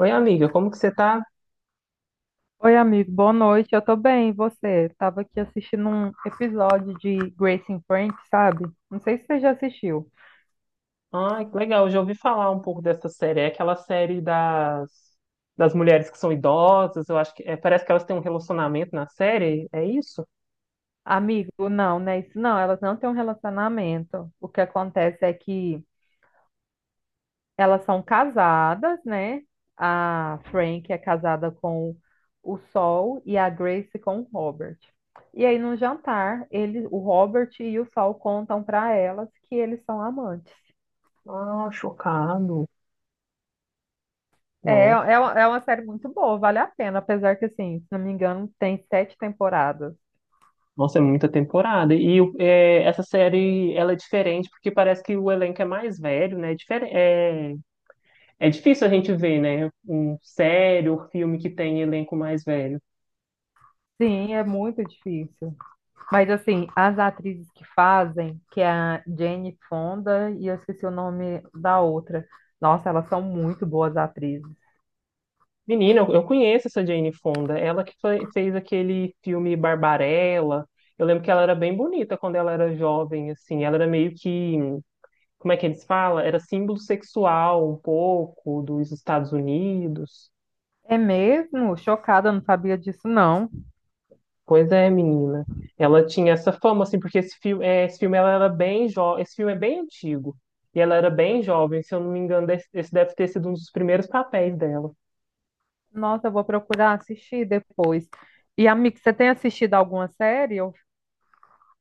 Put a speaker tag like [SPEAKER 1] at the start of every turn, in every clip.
[SPEAKER 1] Oi, amiga, como que você tá?
[SPEAKER 2] Oi, amigo, boa noite. Eu tô bem, e você? Tava aqui assistindo um episódio de Grace and Frank, sabe? Não sei se você já assistiu.
[SPEAKER 1] Ai, que legal, eu já ouvi falar um pouco dessa série. É aquela série das mulheres que são idosas, eu acho que é, parece que elas têm um relacionamento na série, é isso?
[SPEAKER 2] Amigo, não, né? Isso não, elas não têm um relacionamento. O que acontece é que elas são casadas, né? A Frank é casada com o Sol e a Grace com o Robert. E aí, no jantar, ele, o Robert e o Sol contam pra elas que eles são amantes.
[SPEAKER 1] Ah, chocado.
[SPEAKER 2] É,
[SPEAKER 1] Nossa,
[SPEAKER 2] é, é uma série muito boa, vale a pena, apesar que, assim, se não me engano, tem sete temporadas.
[SPEAKER 1] nossa, é muita temporada. Essa série, ela é diferente porque parece que o elenco é mais velho, né? É difícil a gente ver, né? Um série ou filme que tem elenco mais velho.
[SPEAKER 2] Sim, é muito difícil. Mas, assim, as atrizes que fazem, que é a Jane Fonda e eu esqueci o nome da outra. Nossa, elas são muito boas atrizes.
[SPEAKER 1] Menina, eu conheço essa Jane Fonda. Ela que fez aquele filme Barbarella. Eu lembro que ela era bem bonita quando ela era jovem, assim. Ela era meio que, como é que eles falam? Era símbolo sexual um pouco dos Estados Unidos.
[SPEAKER 2] É mesmo? Chocada, não sabia disso, não.
[SPEAKER 1] Pois é, menina. Ela tinha essa fama, assim, porque esse filme, é, esse filme ela era bem jovem. Esse filme é bem antigo. E ela era bem jovem, se eu não me engano, esse deve ter sido um dos primeiros papéis dela.
[SPEAKER 2] Nossa, eu vou procurar assistir depois. E, amigo, você tem assistido alguma série?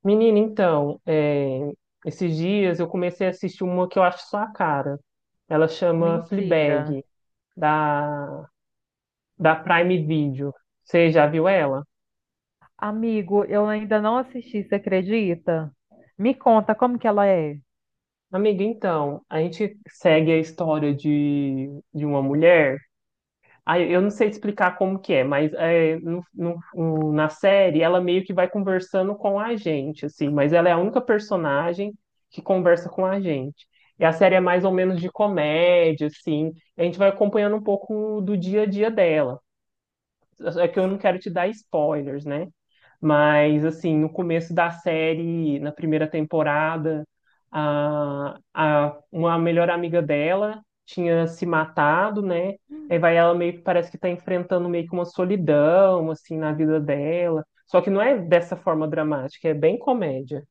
[SPEAKER 1] Menina, então, é, esses dias eu comecei a assistir uma que eu acho sua cara. Ela chama
[SPEAKER 2] Mentira.
[SPEAKER 1] Fleabag, da, da Prime Video. Você já viu ela?
[SPEAKER 2] Amigo, eu ainda não assisti, você acredita? Me conta como que ela é.
[SPEAKER 1] Amiga, então, a gente segue a história de uma mulher. Ah, eu não sei te explicar como que é, mas é, na série ela meio que vai conversando com a gente, assim, mas ela é a única personagem que conversa com a gente. E a série é mais ou menos de comédia, assim, e a gente vai acompanhando um pouco do dia a dia dela. É que eu não quero te dar spoilers, né? Mas, assim, no começo da série, na primeira temporada, uma melhor amiga dela tinha se matado, né? Aí vai ela meio que parece que tá enfrentando meio que uma solidão, assim, na vida dela. Só que não é dessa forma dramática, é bem comédia.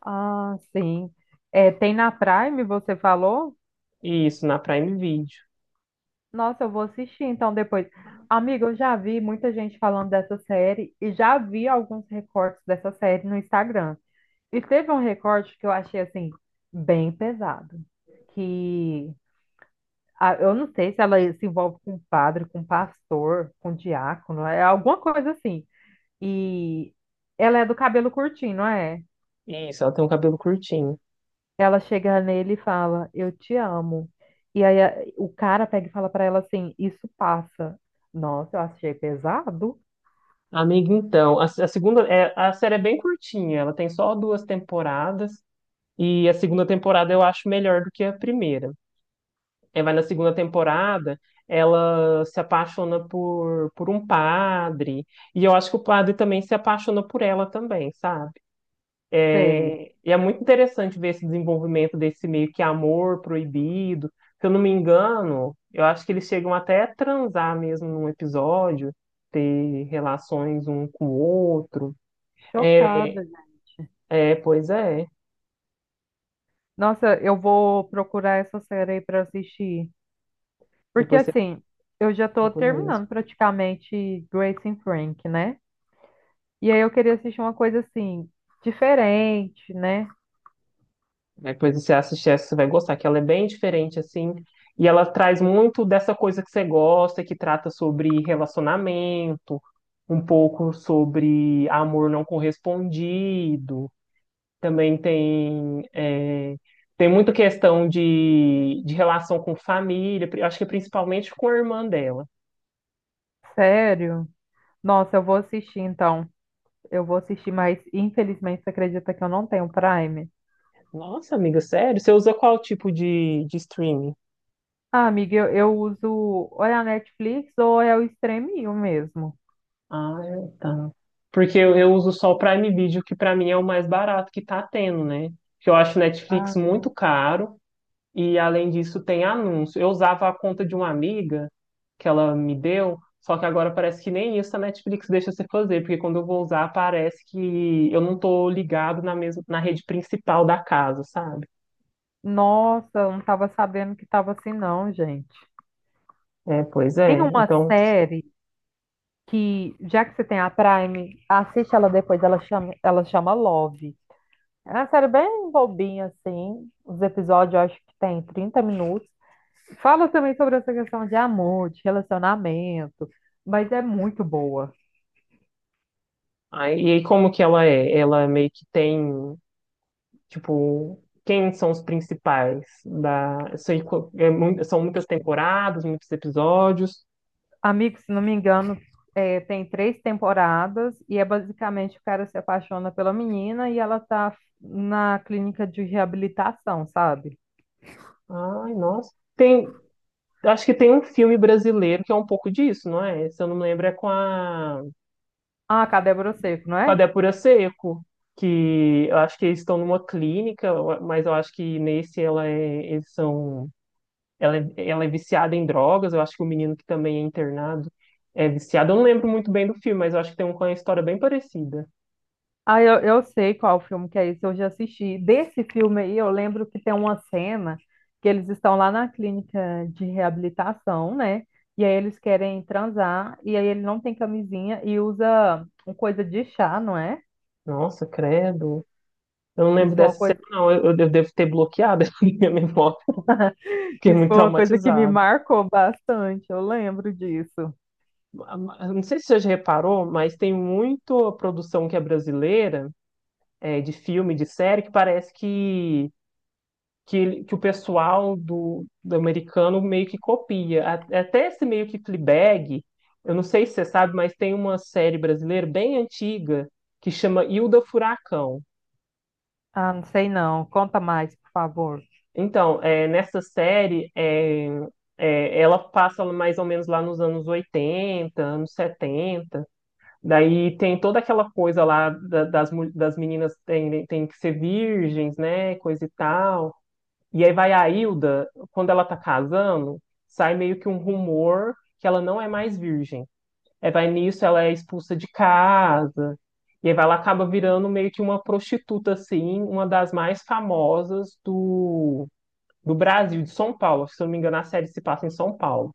[SPEAKER 2] Ah, sim. É, tem na Prime, você falou?
[SPEAKER 1] Isso, na Prime Video.
[SPEAKER 2] Nossa, eu vou assistir então depois. Amigo, eu já vi muita gente falando dessa série e já vi alguns recortes dessa série no Instagram. E teve um recorte que eu achei assim bem pesado, que ah, eu não sei se ela se envolve com padre, com pastor, com diácono, é alguma coisa assim. E ela é do cabelo curtinho, não é?
[SPEAKER 1] Isso, ela tem um cabelo curtinho.
[SPEAKER 2] Ela chega nele e fala, eu te amo. E aí o cara pega e fala pra ela assim, isso passa. Nossa, eu achei pesado.
[SPEAKER 1] Amiga, então, a segunda, é, a série é bem curtinha, ela tem só duas temporadas. E a segunda temporada eu acho melhor do que a primeira. É, vai na segunda temporada, ela se apaixona por um padre, e eu acho que o padre também se apaixona por ela também, sabe?
[SPEAKER 2] Sei,
[SPEAKER 1] É, e é muito interessante ver esse desenvolvimento desse meio que amor proibido. Se eu não me engano, eu acho que eles chegam até a transar mesmo num episódio, ter relações um com o outro. É,
[SPEAKER 2] chocada, gente.
[SPEAKER 1] pois é.
[SPEAKER 2] Nossa, eu vou procurar essa série aí pra assistir. Porque
[SPEAKER 1] Depois você
[SPEAKER 2] assim, eu já tô
[SPEAKER 1] procura mesmo.
[SPEAKER 2] terminando praticamente Grace and Frank, né? E aí eu queria assistir uma coisa assim, diferente, né?
[SPEAKER 1] É coisa que você assistir essa, você vai gostar, que ela é bem diferente, assim, e ela traz muito dessa coisa que você gosta, que trata sobre relacionamento, um pouco sobre amor não correspondido, também tem, é, tem muita questão de relação com família, acho que principalmente com a irmã dela.
[SPEAKER 2] Sério. Nossa, eu vou assistir então. Eu vou assistir, mas infelizmente você acredita que eu não tenho Prime?
[SPEAKER 1] Nossa, amiga, sério? Você usa qual tipo de streaming?
[SPEAKER 2] Ah, amiga, eu uso ou é a Netflix ou é o Streaminho mesmo.
[SPEAKER 1] Ah, é, tá. Porque eu uso só o Prime Video, que pra mim é o mais barato que tá tendo, né? Porque eu acho
[SPEAKER 2] Ah,
[SPEAKER 1] Netflix muito caro e, além disso, tem anúncio. Eu usava a conta de uma amiga que ela me deu, só que agora parece que nem isso a Netflix deixa você fazer, porque quando eu vou usar, parece que eu não tô ligado na mesma, na rede principal da casa, sabe?
[SPEAKER 2] nossa, eu não estava sabendo que estava assim não, gente.
[SPEAKER 1] É, pois
[SPEAKER 2] Tem
[SPEAKER 1] é.
[SPEAKER 2] uma
[SPEAKER 1] Então,
[SPEAKER 2] série que, já que você tem a Prime, assiste ela depois, ela chama Love. É uma série bem bobinha, assim. Os episódios eu acho que tem 30 minutos. Fala também sobre essa questão de amor, de relacionamento, mas é muito boa.
[SPEAKER 1] aí, e aí como que ela é? Ela meio que tem. Tipo, quem são os principais da... eu sei são muitas temporadas, muitos episódios.
[SPEAKER 2] Amigo, se não me engano, é, tem três temporadas e é basicamente o cara se apaixona pela menina e ela tá na clínica de reabilitação, sabe?
[SPEAKER 1] Ai, nossa. Tem... Acho que tem um filme brasileiro que é um pouco disso, não é? Se eu não me lembro, é
[SPEAKER 2] Ah, Cadê Broseco, não
[SPEAKER 1] com a
[SPEAKER 2] é?
[SPEAKER 1] Débora Seco, que eu acho que eles estão numa clínica, eu- mas eu acho que nesse ela é... eles são... ela é viciada em drogas, eu acho que o menino que também é internado é viciado. Eu não lembro muito bem do filme, mas eu acho que tem um com a história bem parecida.
[SPEAKER 2] Ah, eu sei qual filme que é esse, eu já assisti. Desse filme aí, eu lembro que tem uma cena que eles estão lá na clínica de reabilitação, né? E aí eles querem transar, e aí ele não tem camisinha e usa uma coisa de chá, não é?
[SPEAKER 1] Nossa, credo. Eu não
[SPEAKER 2] Isso
[SPEAKER 1] lembro
[SPEAKER 2] foi uma
[SPEAKER 1] dessa cena,
[SPEAKER 2] coisa.
[SPEAKER 1] não. Eu devo ter bloqueado a minha memória. Fiquei
[SPEAKER 2] Isso
[SPEAKER 1] muito
[SPEAKER 2] foi uma coisa que me
[SPEAKER 1] traumatizado.
[SPEAKER 2] marcou bastante, eu lembro disso.
[SPEAKER 1] Eu não sei se você já reparou, mas tem muita produção que é brasileira, é, de filme, de série, que parece que, que o pessoal do americano meio que copia. Até esse meio que Fleabag, eu não sei se você sabe, mas tem uma série brasileira bem antiga que chama Hilda Furacão.
[SPEAKER 2] Ah, não sei não. Conta mais, por favor.
[SPEAKER 1] Então, é, nessa série, ela passa mais ou menos lá nos anos 80 anos 70. Daí tem toda aquela coisa lá das meninas tem, tem que ser virgens, né? Coisa e tal. E aí vai a Hilda, quando ela tá casando, sai meio que um rumor que ela não é mais virgem. Aí vai nisso, ela é expulsa de casa. Ela acaba virando meio que uma prostituta, assim, uma das mais famosas do Brasil, de São Paulo. Se eu não me engano, a série se passa em São Paulo.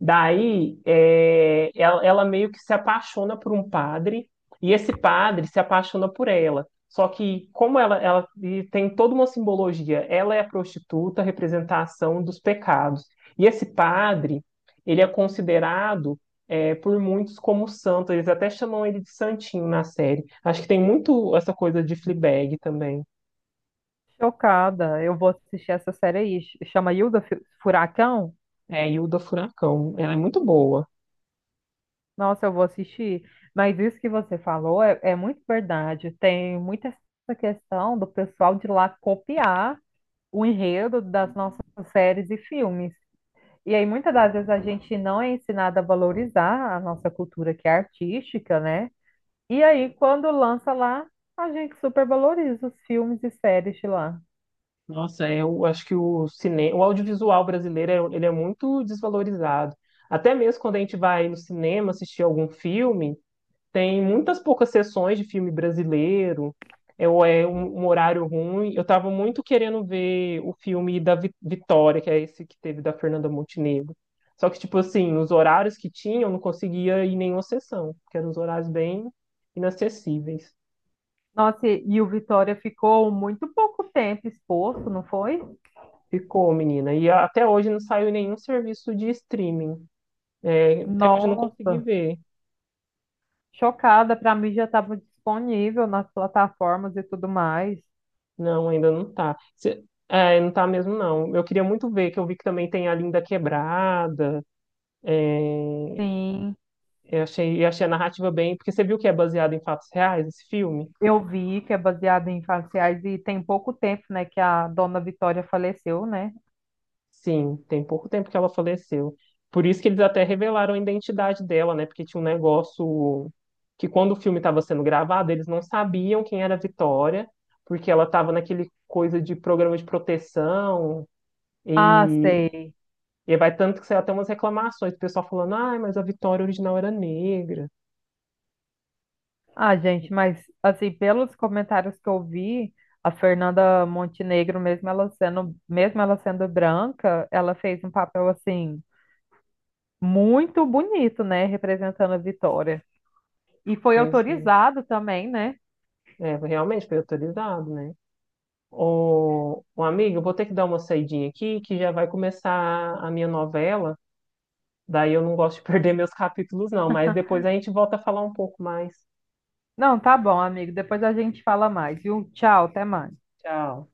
[SPEAKER 1] Daí, é, ela meio que se apaixona por um padre, e esse padre se apaixona por ela. Só que, como ela tem toda uma simbologia, ela é a prostituta, a representação dos pecados. E esse padre, ele é considerado é, por muitos como santo. Eles até chamam ele de santinho na série. Acho que tem muito essa coisa de Fleabag também.
[SPEAKER 2] Chocada, eu vou assistir essa série aí. Chama Hilda Furacão?
[SPEAKER 1] É, Hilda Furacão. Ela é muito boa.
[SPEAKER 2] Nossa, eu vou assistir. Mas isso que você falou é, é muito verdade. Tem muita essa questão do pessoal de lá copiar o enredo das nossas séries e filmes. E aí, muitas das vezes, a gente não é ensinado a valorizar a nossa cultura que é artística, né? E aí, quando lança lá, a gente supervaloriza os filmes e séries de lá.
[SPEAKER 1] Nossa, é, eu acho que o cinema, o audiovisual brasileiro, ele é muito desvalorizado. Até mesmo quando a gente vai no cinema assistir algum filme, tem muitas poucas sessões de filme brasileiro, é, ou é um horário ruim. Eu estava muito querendo ver o filme da Vitória, que é esse que teve da Fernanda Montenegro. Só que, tipo assim, os horários que tinha, eu não conseguia ir em nenhuma sessão, porque eram os horários bem inacessíveis.
[SPEAKER 2] Nossa, e o Vitória ficou muito pouco tempo exposto, não foi?
[SPEAKER 1] Ficou, menina. E até hoje não saiu em nenhum serviço de streaming. É, até hoje eu não consegui
[SPEAKER 2] Nossa,
[SPEAKER 1] ver.
[SPEAKER 2] chocada. Para mim já estava disponível nas plataformas e tudo mais.
[SPEAKER 1] Não, ainda não tá. Não tá mesmo, não. Eu queria muito ver, que eu vi que também tem a Linda Quebrada.
[SPEAKER 2] Sim,
[SPEAKER 1] Eu achei a narrativa bem. Porque você viu que é baseado em fatos reais esse filme?
[SPEAKER 2] eu vi que é baseado em fatos reais e tem pouco tempo, né, que a dona Vitória faleceu, né?
[SPEAKER 1] Sim, tem pouco tempo que ela faleceu. Por isso que eles até revelaram a identidade dela, né? Porque tinha um negócio que quando o filme estava sendo gravado, eles não sabiam quem era a Vitória, porque ela estava naquele coisa de programa de proteção.
[SPEAKER 2] Ah,
[SPEAKER 1] E
[SPEAKER 2] sei.
[SPEAKER 1] e aí vai tanto que saiu até umas reclamações, o pessoal falando, ah, mas a Vitória original era negra.
[SPEAKER 2] Ah, gente, mas assim, pelos comentários que eu vi, a Fernanda Montenegro, mesmo ela sendo branca, ela fez um papel assim muito bonito, né, representando a Vitória. E foi
[SPEAKER 1] Pois é,
[SPEAKER 2] autorizado também, né?
[SPEAKER 1] é, realmente foi autorizado, né? Ô, ô, amigo, eu vou ter que dar uma saidinha aqui, que já vai começar a minha novela. Daí eu não gosto de perder meus capítulos, não, mas depois a gente volta a falar um pouco mais.
[SPEAKER 2] Não, tá bom, amigo. Depois a gente fala mais, viu? Tchau, até mais.
[SPEAKER 1] Tchau.